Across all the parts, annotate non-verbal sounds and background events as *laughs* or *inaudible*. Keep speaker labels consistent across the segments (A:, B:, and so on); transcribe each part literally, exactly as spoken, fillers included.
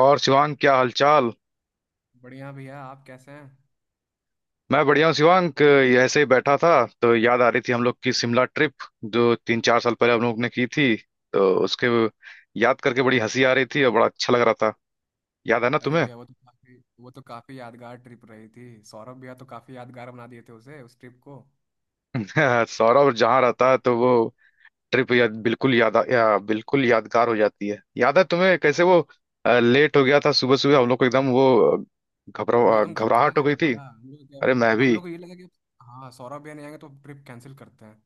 A: और शिवांग, क्या हालचाल।
B: बढ़िया भैया। आप कैसे हैं?
A: मैं बढ़िया हूँ शिवांग, ये ऐसे ही बैठा था। तो याद आ रही थी हम लोग की शिमला ट्रिप, जो तीन चार साल पहले हम लोग ने की थी, तो उसके याद करके बड़ी हंसी आ रही थी और बड़ा अच्छा लग रहा था। याद है ना
B: अरे
A: तुम्हें?
B: भैया, वो तो काफी वो तो काफी यादगार ट्रिप रही थी। सौरभ भैया तो काफी यादगार बना दिए थे उसे, उस ट्रिप को।
A: *laughs* सौरभ जहाँ रहता है तो वो ट्रिप याद बिल्कुल याद आ- या, बिल्कुल यादगार हो जाती है। याद है तुम्हें कैसे वो अ, लेट हो गया था? सुबह सुबह हम लोग को एकदम वो अ, घबरा
B: हम लोग
A: अ,
B: एकदम घबरा
A: घबराहट हो
B: गए थे
A: गई थी।
B: भैया। हम लोग क्या,
A: अरे मैं
B: हम
A: भी।
B: लोग को ये लगा कि हाँ, सौरभ भैया नहीं आएंगे तो ट्रिप कैंसिल करते हैं।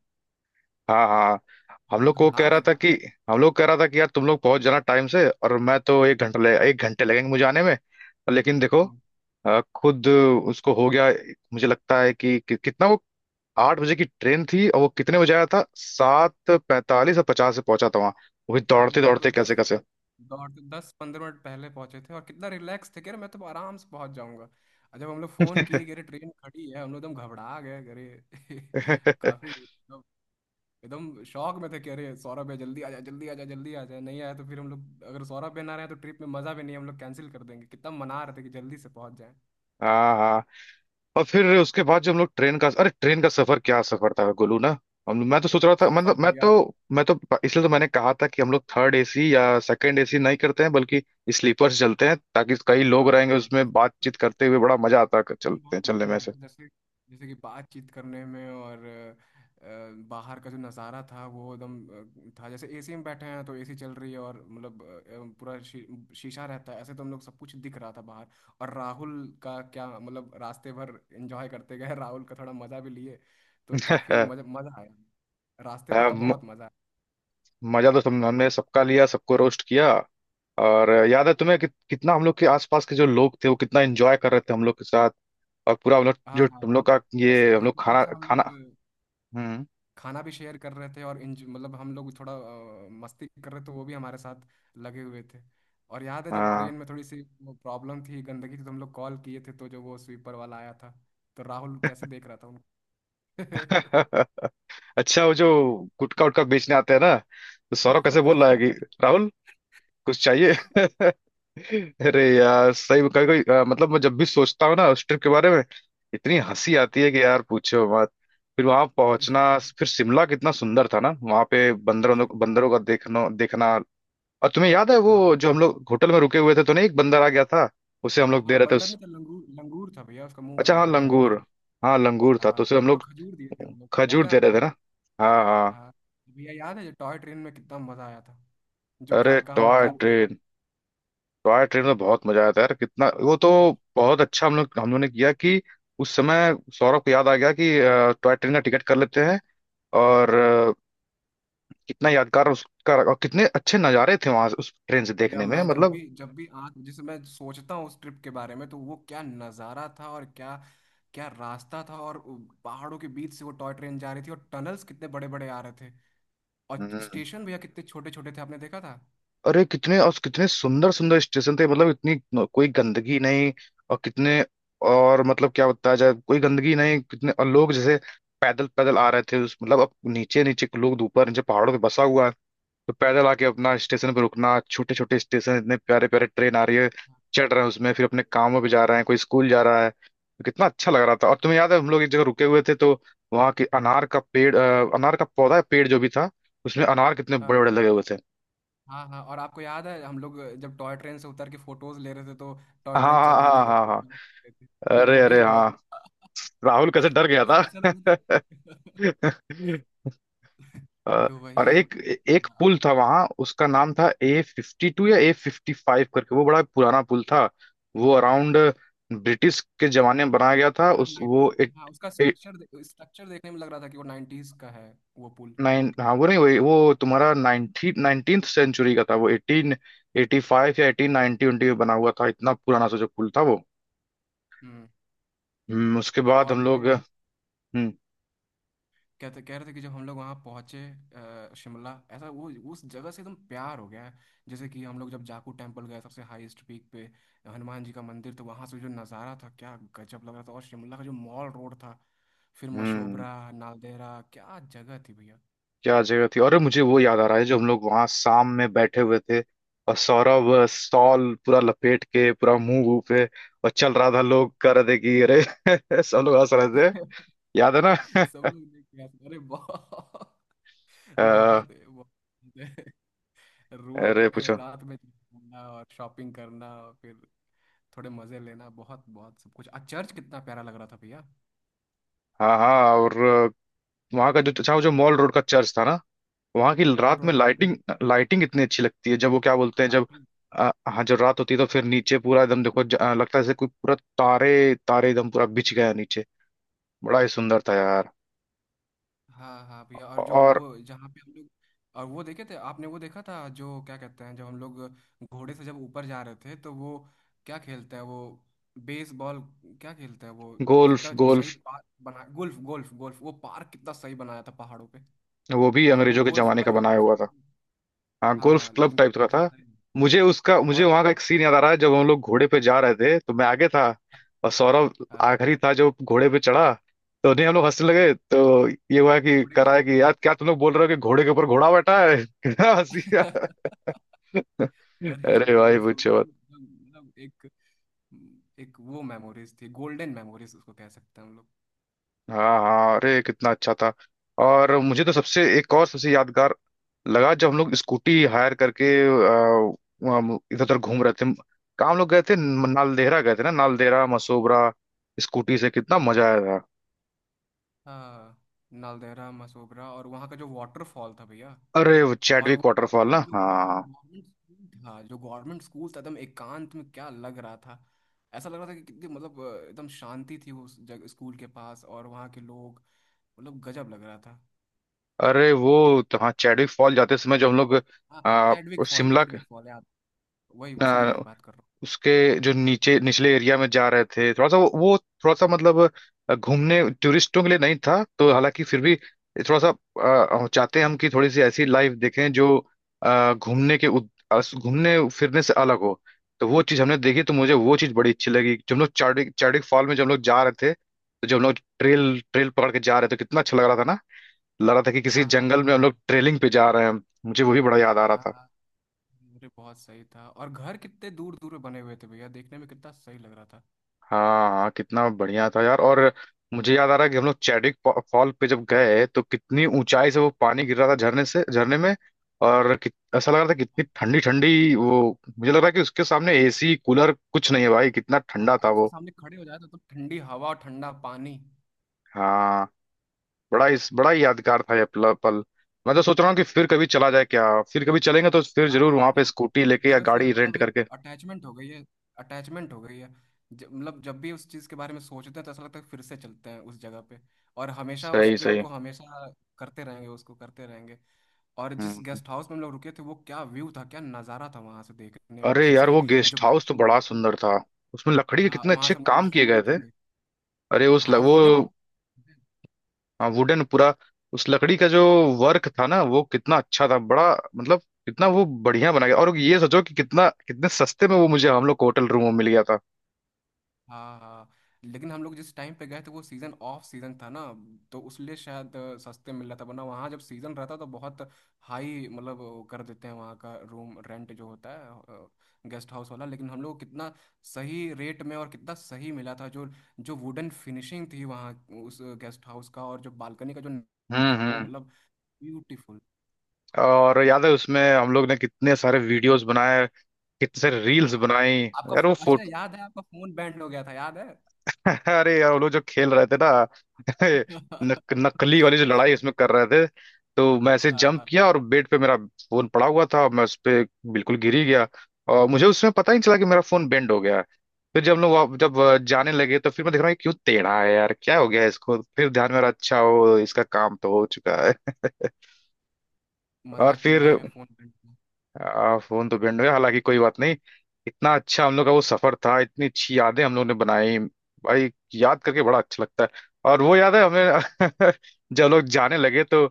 A: हाँ हाँ।
B: हम
A: हम लोग
B: लोग
A: को
B: घबरा
A: कह रहा
B: गए
A: था
B: थे।
A: कि हम लोग कह रहा था कि यार तुम लोग पहुंच जाना टाइम से, और मैं तो एक घंटा लगे एक घंटे लगेंगे मुझे आने में। लेकिन देखो
B: हम्म।
A: अ, खुद उसको हो गया। मुझे लगता है कि, कि कितना वो आठ बजे की ट्रेन थी, और वो कितने बजे आया था? सात पैंतालीस और पचास से पहुंचा था वहां। वो भी
B: हाँ,
A: दौड़ते
B: मतलब
A: दौड़ते कैसे
B: दस
A: कैसे।
B: दौड़ दस पंद्रह मिनट पहले पहुंचे थे और कितना रिलैक्स थे कि अरे मैं तो आराम से पहुंच जाऊंगा। और जब हम लोग फोन किए कि अरे ट्रेन खड़ी है, हम लोग एकदम घबरा गए कि अरे *laughs* काफी
A: *laughs*
B: एकदम शौक में थे। कह रहे सौरभ है जल्दी आ जा, जल्दी आ जा, जल्दी आ जा। नहीं आया तो फिर हम लोग, अगर सौरभ भी ना रहे तो ट्रिप में मजा भी नहीं, हम लोग कैंसिल कर देंगे। कितना मना रहे थे कि जल्दी से पहुंच जाए।
A: हाँ हाँ। और फिर उसके बाद जो हम लोग ट्रेन का अरे ट्रेन का सफर क्या सफर था गोलू ना। हम मैं तो सोच रहा था,
B: सफर
A: मतलब मैं तो
B: भैया,
A: मैं तो इसलिए तो मैंने कहा था कि हम लोग थर्ड एसी या सेकंड एसी नहीं करते हैं, बल्कि स्लीपर्स चलते हैं, ताकि कई
B: हाँ
A: लोग रहेंगे
B: हाँ, ये
A: उसमें,
B: सफर
A: बातचीत करते हुए बड़ा मजा आता है,
B: अरे
A: चलते
B: बहुत
A: हैं चलने
B: मजा
A: में
B: आया।
A: से।
B: जैसे, जैसे कि बातचीत करने में और अ, बाहर का जो नज़ारा था वो एकदम अ, था। जैसे एसी में बैठे हैं तो एसी चल रही है और मतलब अ, पूरा शी, शीशा रहता है ऐसे, तो हम लोग सब कुछ दिख रहा था बाहर। और राहुल का क्या मतलब, रास्ते भर एंजॉय करते गए *laughs* राहुल का थोड़ा मज़ा भी लिए। तो काफ़ी मज़ा
A: *laughs*
B: मज़ा आया। रास्ते भर
A: अ,
B: तो
A: म-
B: बहुत मज़ा आया।
A: मजा तो तुम हमने सबका लिया, सबको रोस्ट किया। और याद है तुम्हें कि, कितना हम लोग के आसपास के जो लोग थे वो कितना एंजॉय कर रहे थे हम लोग के साथ। और पूरा हम लोग
B: हाँ
A: जो
B: हाँ,
A: हम लोग का ये
B: जैसे
A: हम लोग
B: जिस हिसाब
A: खाना
B: से हम लोग
A: खाना। हम्म।
B: खाना भी शेयर कर रहे थे और इंज मतलब हम लोग थोड़ा अ, मस्ती कर रहे थे, वो भी हमारे साथ लगे हुए थे। और याद है जब ट्रेन
A: हाँ।
B: में थोड़ी सी प्रॉब्लम थी, गंदगी थी, तो हम लोग कॉल किए थे तो जो वो स्वीपर वाला आया था, तो राहुल कैसे देख रहा था उनको।
A: *laughs* अच्छा वो जो गुटखा उटखा बेचने आते हैं ना, तो
B: *laughs*
A: सौरभ कैसे बोल रहा है कि
B: अरे
A: राहुल कुछ चाहिए। *laughs* अरे यार सही में कभी कभी अ, मतलब, मैं जब भी सोचता हूँ ना उस ट्रिप के बारे में, इतनी हंसी आती है कि यार पूछो मत। फिर वहां पहुंचना।
B: भैया,
A: फिर शिमला कितना सुंदर था ना, वहां पे
B: भैया
A: बंदरों
B: शिवराम।
A: बंदरों का देखना देखना। और तुम्हें याद है वो
B: हाँ
A: जो हम लोग होटल में रुके हुए थे, तो नहीं एक बंदर आ गया था, उसे हम
B: हाँ।
A: लोग दे
B: हाँ,
A: रहे थे
B: बंदर
A: उस।
B: नहीं था, लंगूर, लंगूर था भैया। उसका मुंह
A: अच्छा हाँ,
B: काला था, लंगूर
A: लंगूर।
B: था।
A: हाँ लंगूर था
B: हाँ,
A: तो उसे हम
B: उसको
A: लोग
B: खजूर दिए थे हम लोग, याद
A: खजूर
B: है
A: दे रहे थे
B: आपको?
A: ना। हाँ हाँ।
B: हाँ। भैया, याद है जो टॉय ट्रेन में कितना मजा आया था, जो
A: अरे
B: कालका हम लोग
A: टॉय
B: कालका
A: ट्रेन। टॉय ट्रेन में बहुत मजा आया था यार, कितना वो तो
B: से।
A: बहुत अच्छा हम लोग हम लोगों ने किया कि उस समय सौरभ को याद आ गया कि अ, टॉय ट्रेन का टिकट कर लेते हैं। और अ, कितना यादगार उसका और कितने अच्छे नज़ारे थे वहां उस ट्रेन से
B: भैया
A: देखने में
B: मैं जब
A: मतलब।
B: भी जब भी आँख जैसे मैं सोचता हूँ उस ट्रिप के बारे में, तो वो क्या नज़ारा था और क्या, क्या रास्ता था। और पहाड़ों के बीच से वो टॉय ट्रेन जा रही थी, और टनल्स कितने बड़े बड़े आ रहे थे। और
A: हम्म।
B: स्टेशन भैया, कितने छोटे छोटे थे, आपने देखा था?
A: अरे कितने और कितने सुंदर सुंदर स्टेशन थे, मतलब इतनी न- कोई गंदगी नहीं। और कितने और मतलब क्या बताया जाए, कोई गंदगी नहीं, कितने और लोग जैसे पैदल पैदल आ रहे थे, उस मतलब अब नीचे नीचे लोग ऊपर नीचे पहाड़ों पे बसा हुआ है। तो पैदल आके अपना स्टेशन पर रुकना, छोटे छोटे स्टेशन, इतने प्यारे प्यारे, ट्रेन आ रही है, चढ़ रहे हैं उसमें, फिर अपने कामों पे जा रहे हैं, कोई स्कूल जा रहा है, तो कितना अच्छा लग रहा था। और तुम्हें याद है हम लोग एक जगह रुके हुए थे, तो वहाँ के अनार का पेड़ अ, अनार का पौधा पेड़ जो भी था, उसमें अनार कितने बड़े
B: हाँ
A: बड़े लगे हुए थे।
B: हाँ। हाँ, और आपको याद है हम लोग जब टॉय ट्रेन से उतर के फोटोज ले रहे थे, तो टॉय
A: हाँ
B: ट्रेन
A: हाँ
B: चल रही
A: हाँ
B: थी तो भागे
A: हाँ हाँ।
B: भागे *laughs* ले थे। तो
A: अरे
B: वो भी
A: अरे हाँ,
B: बहुत
A: राहुल कैसे डर
B: *laughs*
A: गया
B: जैसे
A: था।
B: ऐसा लग रहा था कि-
A: *laughs*
B: *laughs*
A: अ,
B: तो
A: और
B: वही
A: एक
B: बहुत
A: एक
B: मजा।
A: पुल था वहां, उसका नाम था ए फिफ्टी टू या ए फिफ्टी फाइव करके, वो बड़ा पुराना पुल था। वो अराउंड ब्रिटिश के जमाने में बनाया गया था,
B: हाँ,
A: उस
B: नब्बे।
A: वो एट,
B: हाँ, उसका
A: एट
B: स्ट्रक्चर स्ट्रक्चर देखने में लग रहा था कि वो नाइंटीज़ का है, वो पुल।
A: नाइन, हाँ वो नहीं, वो वो तुम्हारा नाइनटी नाइनटीन्थ सेंचुरी का था, वो एटीन एटी फाइव या एटीन नाइनटी में बना हुआ था, इतना पुराना सा जो पुल था वो।
B: हम्म।
A: हम्म, उसके
B: तो
A: बाद
B: और
A: हम लोग।
B: ये
A: हम्म
B: कहते कह रहे थे कि जब हम लोग वहाँ पहुँचे, अ, शिमला ऐसा वो, उस जगह से एकदम प्यार हो गया है। जैसे कि हम लोग जब जाकू टेम्पल गए, सबसे हाईएस्ट पीक पे हनुमान जी का मंदिर, तो वहाँ से जो नज़ारा था क्या गजब लग रहा था। और शिमला का जो मॉल रोड था, फिर
A: हम्म।
B: मशोबरा, नालदेहरा, क्या जगह थी भैया।
A: क्या जगह थी, अरे मुझे वो याद आ रहा है जो हम लोग वहां शाम में बैठे हुए थे, और सौरभ अ, शॉल पूरा लपेट के पूरा मुंह वूह पे, और चल रहा था, लोग कह रहे थे कि अरे *laughs* सब लोग हंस रहे थे।
B: *laughs*
A: याद है
B: सब
A: ना? *laughs*
B: लोग देख के आए थे, अरे बहुत,
A: अ,
B: बहुत, बहुत रोड
A: अरे
B: पे
A: पूछो।
B: रात में घूमना और शॉपिंग करना और फिर थोड़े मजे लेना, बहुत बहुत सब कुछ। आ, चर्च कितना प्यारा लग रहा था भैया।
A: हाँ हाँ, और वहां का जो अच्छा वो जो मॉल रोड का चर्च था ना, वहां की
B: हाँ, मॉल
A: रात में
B: रोड पे
A: लाइटिंग, लाइटिंग इतनी अच्छी लगती है जब वो क्या बोलते हैं, जब
B: लाइटिंग।
A: अ, हाँ जब रात होती है तो फिर नीचे पूरा एकदम देखो ज- अ, लगता है जैसे कोई पूरा तारे तारे एकदम पूरा बिछ गया नीचे। बड़ा ही सुंदर था यार।
B: हाँ हाँ भैया। और जो
A: और
B: वो जहाँ पे हम लोग, और वो देखे थे आपने, वो देखा था जो क्या कहते हैं, जब हम लोग घोड़े से जब ऊपर जा रहे थे, तो वो क्या खेलते हैं वो, बेसबॉल, क्या खेलते हैं वो,
A: गोल्फ
B: कितना सही
A: गोल्फ।
B: पार्क बना, गोल्फ गोल्फ गोल्फ, वो पार्क कितना सही बनाया था पहाड़ों पे।
A: वो भी
B: मतलब वो
A: अंग्रेजों के
B: गोल्फ
A: जमाने
B: वाला
A: का
B: जो
A: बनाया हुआ था।
B: स्टेडियम,
A: हाँ गोल्फ
B: हाँ
A: क्लब
B: लेकिन
A: टाइप
B: कितना
A: का था।
B: सही है।
A: मुझे उसका मुझे
B: और
A: वहां का एक सीन याद आ रहा है, जब हम लोग घोड़े पे जा रहे थे तो मैं आगे था, और सौरभ
B: हाँ,
A: आखिरी था जो घोड़े पे चढ़ा। तो नहीं, हम लोग हंसने लगे, तो ये हुआ कि
B: घोड़े के
A: कराया
B: ऊपर
A: कि
B: घोड़ा।
A: यार क्या तुम लोग बोल रहे हो कि घोड़े के ऊपर घोड़ा बैठा है। *laughs* कितना हंसी आया।
B: *laughs*
A: *laughs* अरे
B: अरे
A: भाई
B: वो सब
A: पूछो।
B: एकदम, मतलब मतलब एक, एक वो मेमोरीज थी, गोल्डन मेमोरीज उसको कह सकते हैं हम लोग।
A: हाँ हाँ। अरे कितना अच्छा था। और मुझे तो सबसे एक और सबसे यादगार लगा जब हम लोग स्कूटी हायर करके अ, वहाँ इधर उधर घूम रहे थे, कहाँ हम लोग गए थे? नालदेहरा गए थे ना, नालदेहरा मसोबरा, स्कूटी से कितना मजा आया था।
B: हाँ, नालदेहरा मसोबरा, और वहाँ का जो वाटरफॉल था भैया।
A: अरे वो
B: और वो,
A: चैडविक
B: वहाँ
A: वाटरफॉल ना,
B: का जो, वहाँ का जो
A: हाँ।
B: गवर्नमेंट स्कूल था, जो गवर्नमेंट स्कूल था एकदम एकांत में, क्या लग रहा था। ऐसा लग रहा था कि कितनी मतलब अ, एकदम शांति थी उस जगह स्कूल के पास, और वहाँ के लोग, मतलब गजब लग रहा था।
A: अरे वो तो हाँ, चैडविक फॉल जाते समय जो हम लोग
B: हाँ,
A: आ,
B: Chadwick fall,
A: Shimla
B: Chadwick fall याद, वही उसी जगह की बात कर रहा हूँ।
A: उसके जो नीचे निचले एरिया में जा रहे थे, थोड़ा सा वो, वो थोड़ा सा मतलब अ, घूमने टूरिस्टों के लिए नहीं था, तो हालांकि फिर भी थोड़ा सा अ, हम चाहते हैं हम कि थोड़ी सी ऐसी लाइफ देखें जो अ, घूमने के उद- अस- घूमने फिरने से अलग हो। तो वो चीज़ हमने देखी, तो मुझे वो चीज़ बड़ी अच्छी लगी, जब हम लोग चार्डिक चार्डिक फॉल में जब हम लोग जा रहे थे, तो जब हम लोग ट्रेल ट्रेल पकड़ के जा रहे थे, कितना अच्छा लग रहा था ना। लग रहा था कि किसी
B: हाँ हाँ।
A: जंगल में हम लोग ट्रेलिंग पे जा रहे हैं। मुझे वो भी बड़ा याद आ रहा
B: हाँ
A: था।
B: हाँ। अरे बहुत सही था, और घर कितने दूर दूर में बने हुए थे भैया, देखने में कितना सही लग रहा था।
A: हाँ हाँ, कितना बढ़िया था यार। और मुझे याद आ रहा है कि हम लोग चैडिक फॉ- फॉल पे जब गए, तो कितनी ऊंचाई से वो पानी गिर रहा था झरने से झरने में। और कित, ऐसा लग रहा था कितनी ठंडी ठंडी वो, मुझे लग रहा है कि उसके सामने एसी कूलर कुछ नहीं है भाई, कितना ठंडा
B: हाँ,
A: था
B: अगर उसके
A: वो।
B: सामने खड़े हो जाए तो, तो ठंडी हवा और ठंडा पानी।
A: हाँ। बड़ा इस बड़ा ही यादगार था ये पल पल। मैं तो सोच रहा हूँ कि फिर कभी चला जाए क्या? फिर कभी चलेंगे तो फिर
B: हाँ
A: जरूर
B: हाँ।
A: वहां पे
B: अरे
A: स्कूटी
B: उस
A: लेके या
B: जगह से
A: गाड़ी रेंट
B: मतलब एक
A: करके।
B: अटैचमेंट हो गई है, अटैचमेंट हो गई है। ज, मतलब जब भी उस चीज़ के बारे में सोचते हैं तो ऐसा लगता है फिर से चलते हैं उस जगह पे। और हमेशा उस
A: सही
B: ट्रिप
A: सही।
B: को हमेशा करते रहेंगे, उसको करते रहेंगे। और जिस
A: हम्म।
B: गेस्ट हाउस में हम लोग रुके थे, वो क्या व्यू था, क्या नज़ारा था वहां से देखने में,
A: अरे यार
B: जैसे
A: वो
B: जो
A: गेस्ट हाउस तो
B: बालकनी में
A: बड़ा
B: हम
A: सुंदर था,
B: लोग।
A: उसमें लकड़ी के
B: हाँ,
A: कितने
B: वहाँ
A: अच्छे
B: से हम लोग जो
A: काम किए
B: शूट
A: गए थे।
B: किए।
A: अरे उस
B: हाँ,
A: ल,
B: अब
A: वो
B: वुडन।
A: हाँ, वुडन पूरा, उस लकड़ी का जो वर्क था ना, वो कितना अच्छा था बड़ा। मतलब कितना वो बढ़िया बना गया, और ये सोचो कि कितना कितने सस्ते में वो मुझे हम लोग को होटल रूम में मिल गया था।
B: हाँ हाँ, लेकिन हम लोग जिस टाइम पे गए थे, वो सीज़न ऑफ सीज़न था ना, तो उसलिए शायद अ, सस्ते मिल रहा था। वरना वहाँ जब सीज़न रहता तो बहुत हाई मतलब वो कर देते हैं वहाँ का रूम रेंट जो होता है गेस्ट हाउस वाला। लेकिन हम लोग को कितना सही रेट में और कितना सही मिला था, जो, जो वुडन फिनिशिंग थी वहाँ उस गेस्ट हाउस का, और जो बालकनी का जो नज़ारा
A: हम्म
B: था वो,
A: हम्म।
B: मतलब ब्यूटीफुल।
A: और याद है उसमें हम लोग ने कितने सारे वीडियोस बनाए, कितने सारे रील्स
B: हाँ,
A: बनाई
B: आपका
A: यार, वो
B: फोन, अच्छा
A: फोटो।
B: याद है आपका फोन बैंड हो गया था, याद है?
A: *laughs* अरे यार वो लोग जो खेल रहे थे ना, *laughs* नक,
B: *laughs*
A: नकली वाली जो लड़ाई उसमें कर रहे थे, तो मैं ऐसे जंप
B: हाँ,
A: किया और बेड पे मेरा फोन पड़ा हुआ था, मैं उस पे बिल्कुल गिर ही गया, और मुझे उसमें पता ही नहीं चला कि मेरा फोन बेंड हो गया है। फिर जब लोग वहाँ- जब अ, जाने लगे तो फिर मैं देख रहा हूँ ये क्यों टेढ़ा है यार, क्या हो गया है इसको, फिर ध्यान में आ रहा अच्छा, हो इसका काम तो हो चुका है। *laughs* और
B: मजाक की
A: फिर
B: लड़ाई में फोन करना।
A: आ, फोन तो बैंड हो गया, हालांकि कोई बात नहीं, इतना अच्छा हम लोग का वो सफर था, इतनी अच्छी यादें हम लोग ने बनाई, भाई याद करके बड़ा अच्छा लगता है। और वो याद है हमें, *laughs* जब लोग जाने लगे तो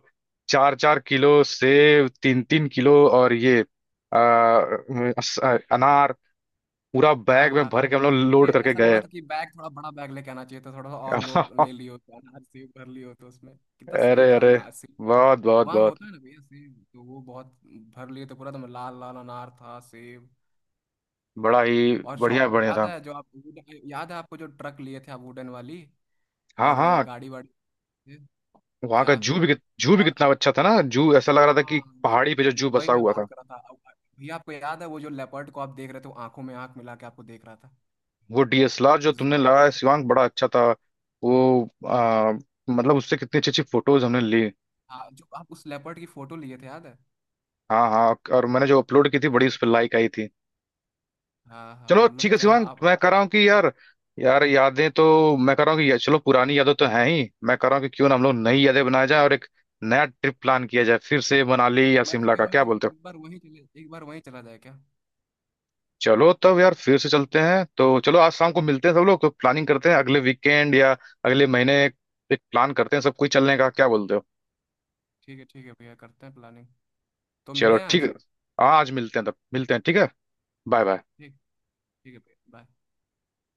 A: चार चार किलो सेब, तीन तीन किलो और ये आ, अस- अनार पूरा
B: हाँ
A: बैग में
B: हाँ।
A: भर के हम लोग
B: फिर ये
A: लोड करके
B: ऐसा लग
A: गए।
B: रहा था कि बैग थोड़ा बड़ा बैग लेके आना चाहिए था, थोड़ा सा और लोड
A: *laughs*
B: ले लियो, तो अनाज सेब भर लियो तो उसमें कितना
A: अरे
B: सही था
A: अरे,
B: अनाज सेब।
A: बहुत बहुत
B: वहाँ
A: बहुत
B: होता है ना भैया, सेब तो वो बहुत भर लिए तो पूरा, तो लाल लाल अनार था, सेब।
A: बड़ा ही
B: और
A: बढ़िया
B: शॉपिंग
A: बढ़िया
B: याद
A: था।
B: है, जो आप वुडन- याद है आपको जो ट्रक लिए थे आप, वुडन वाली,
A: हाँ
B: और
A: हाँ।
B: गाड़ी वाड़ी, ये
A: वहां का
B: क्या।
A: जू भी कित- जू भी
B: और
A: कितना अच्छा था ना, जू ऐसा लग रहा था
B: हाँ,
A: कि पहाड़ी पे जो जू
B: वो, वही
A: बसा
B: मैं
A: हुआ
B: बात
A: था।
B: कर रहा था अब। भैया, आपको याद है वो जो लेपर्ड को आप देख रहे थे, वो आंखों में आंख मिला के आपको देख रहा था,
A: वो डी एस एल आर जो
B: जू
A: तुमने
B: वाला-
A: लगाया शिवांग बड़ा अच्छा था, वो आ, मतलब उससे कितनी अच्छी अच्छी फोटोज हमने ली।
B: हाँ, जो आप उस लेपर्ड की फोटो लिए थे, याद है?
A: हाँ हाँ, और मैंने जो अपलोड की थी, बड़ी उस पर लाइक आई थी।
B: हाँ
A: चलो
B: हाँ,
A: ठीक
B: मतलब
A: है
B: क्या
A: शिवांग,
B: आप।
A: मैं कह रहा हूँ कि यार, यार यादें तो, मैं कह रहा हूँ कि या- चलो पुरानी यादें तो हैं ही, मैं कह रहा हूँ कि क्यों ना हम लोग नई यादें बनाया जाए, और एक नया ट्रिप प्लान किया जाए फिर से, मनाली या
B: मैं तो
A: शिमला
B: कह
A: का,
B: रहा हूँ
A: क्या
B: कि
A: बोलते हो?
B: एक बार वहीं चले, एक बार वहीं चला जाए, क्या?
A: चलो तब यार फिर से चलते हैं, तो चलो आज शाम को मिलते हैं सब लोग तो, प्लानिंग करते हैं अगले वीकेंड या अगले महीने एक प्लान करते हैं सब कोई चलने का, क्या बोलते हो?
B: ठीक है, ठीक है भैया, करते हैं प्लानिंग। तो मिले
A: चलो
B: हैं
A: ठीक है।
B: आज?
A: हाँ आज मिलते हैं तब मिलते हैं ठीक है। Bye bye.
B: ठीक, ठीक है भैया, बाय।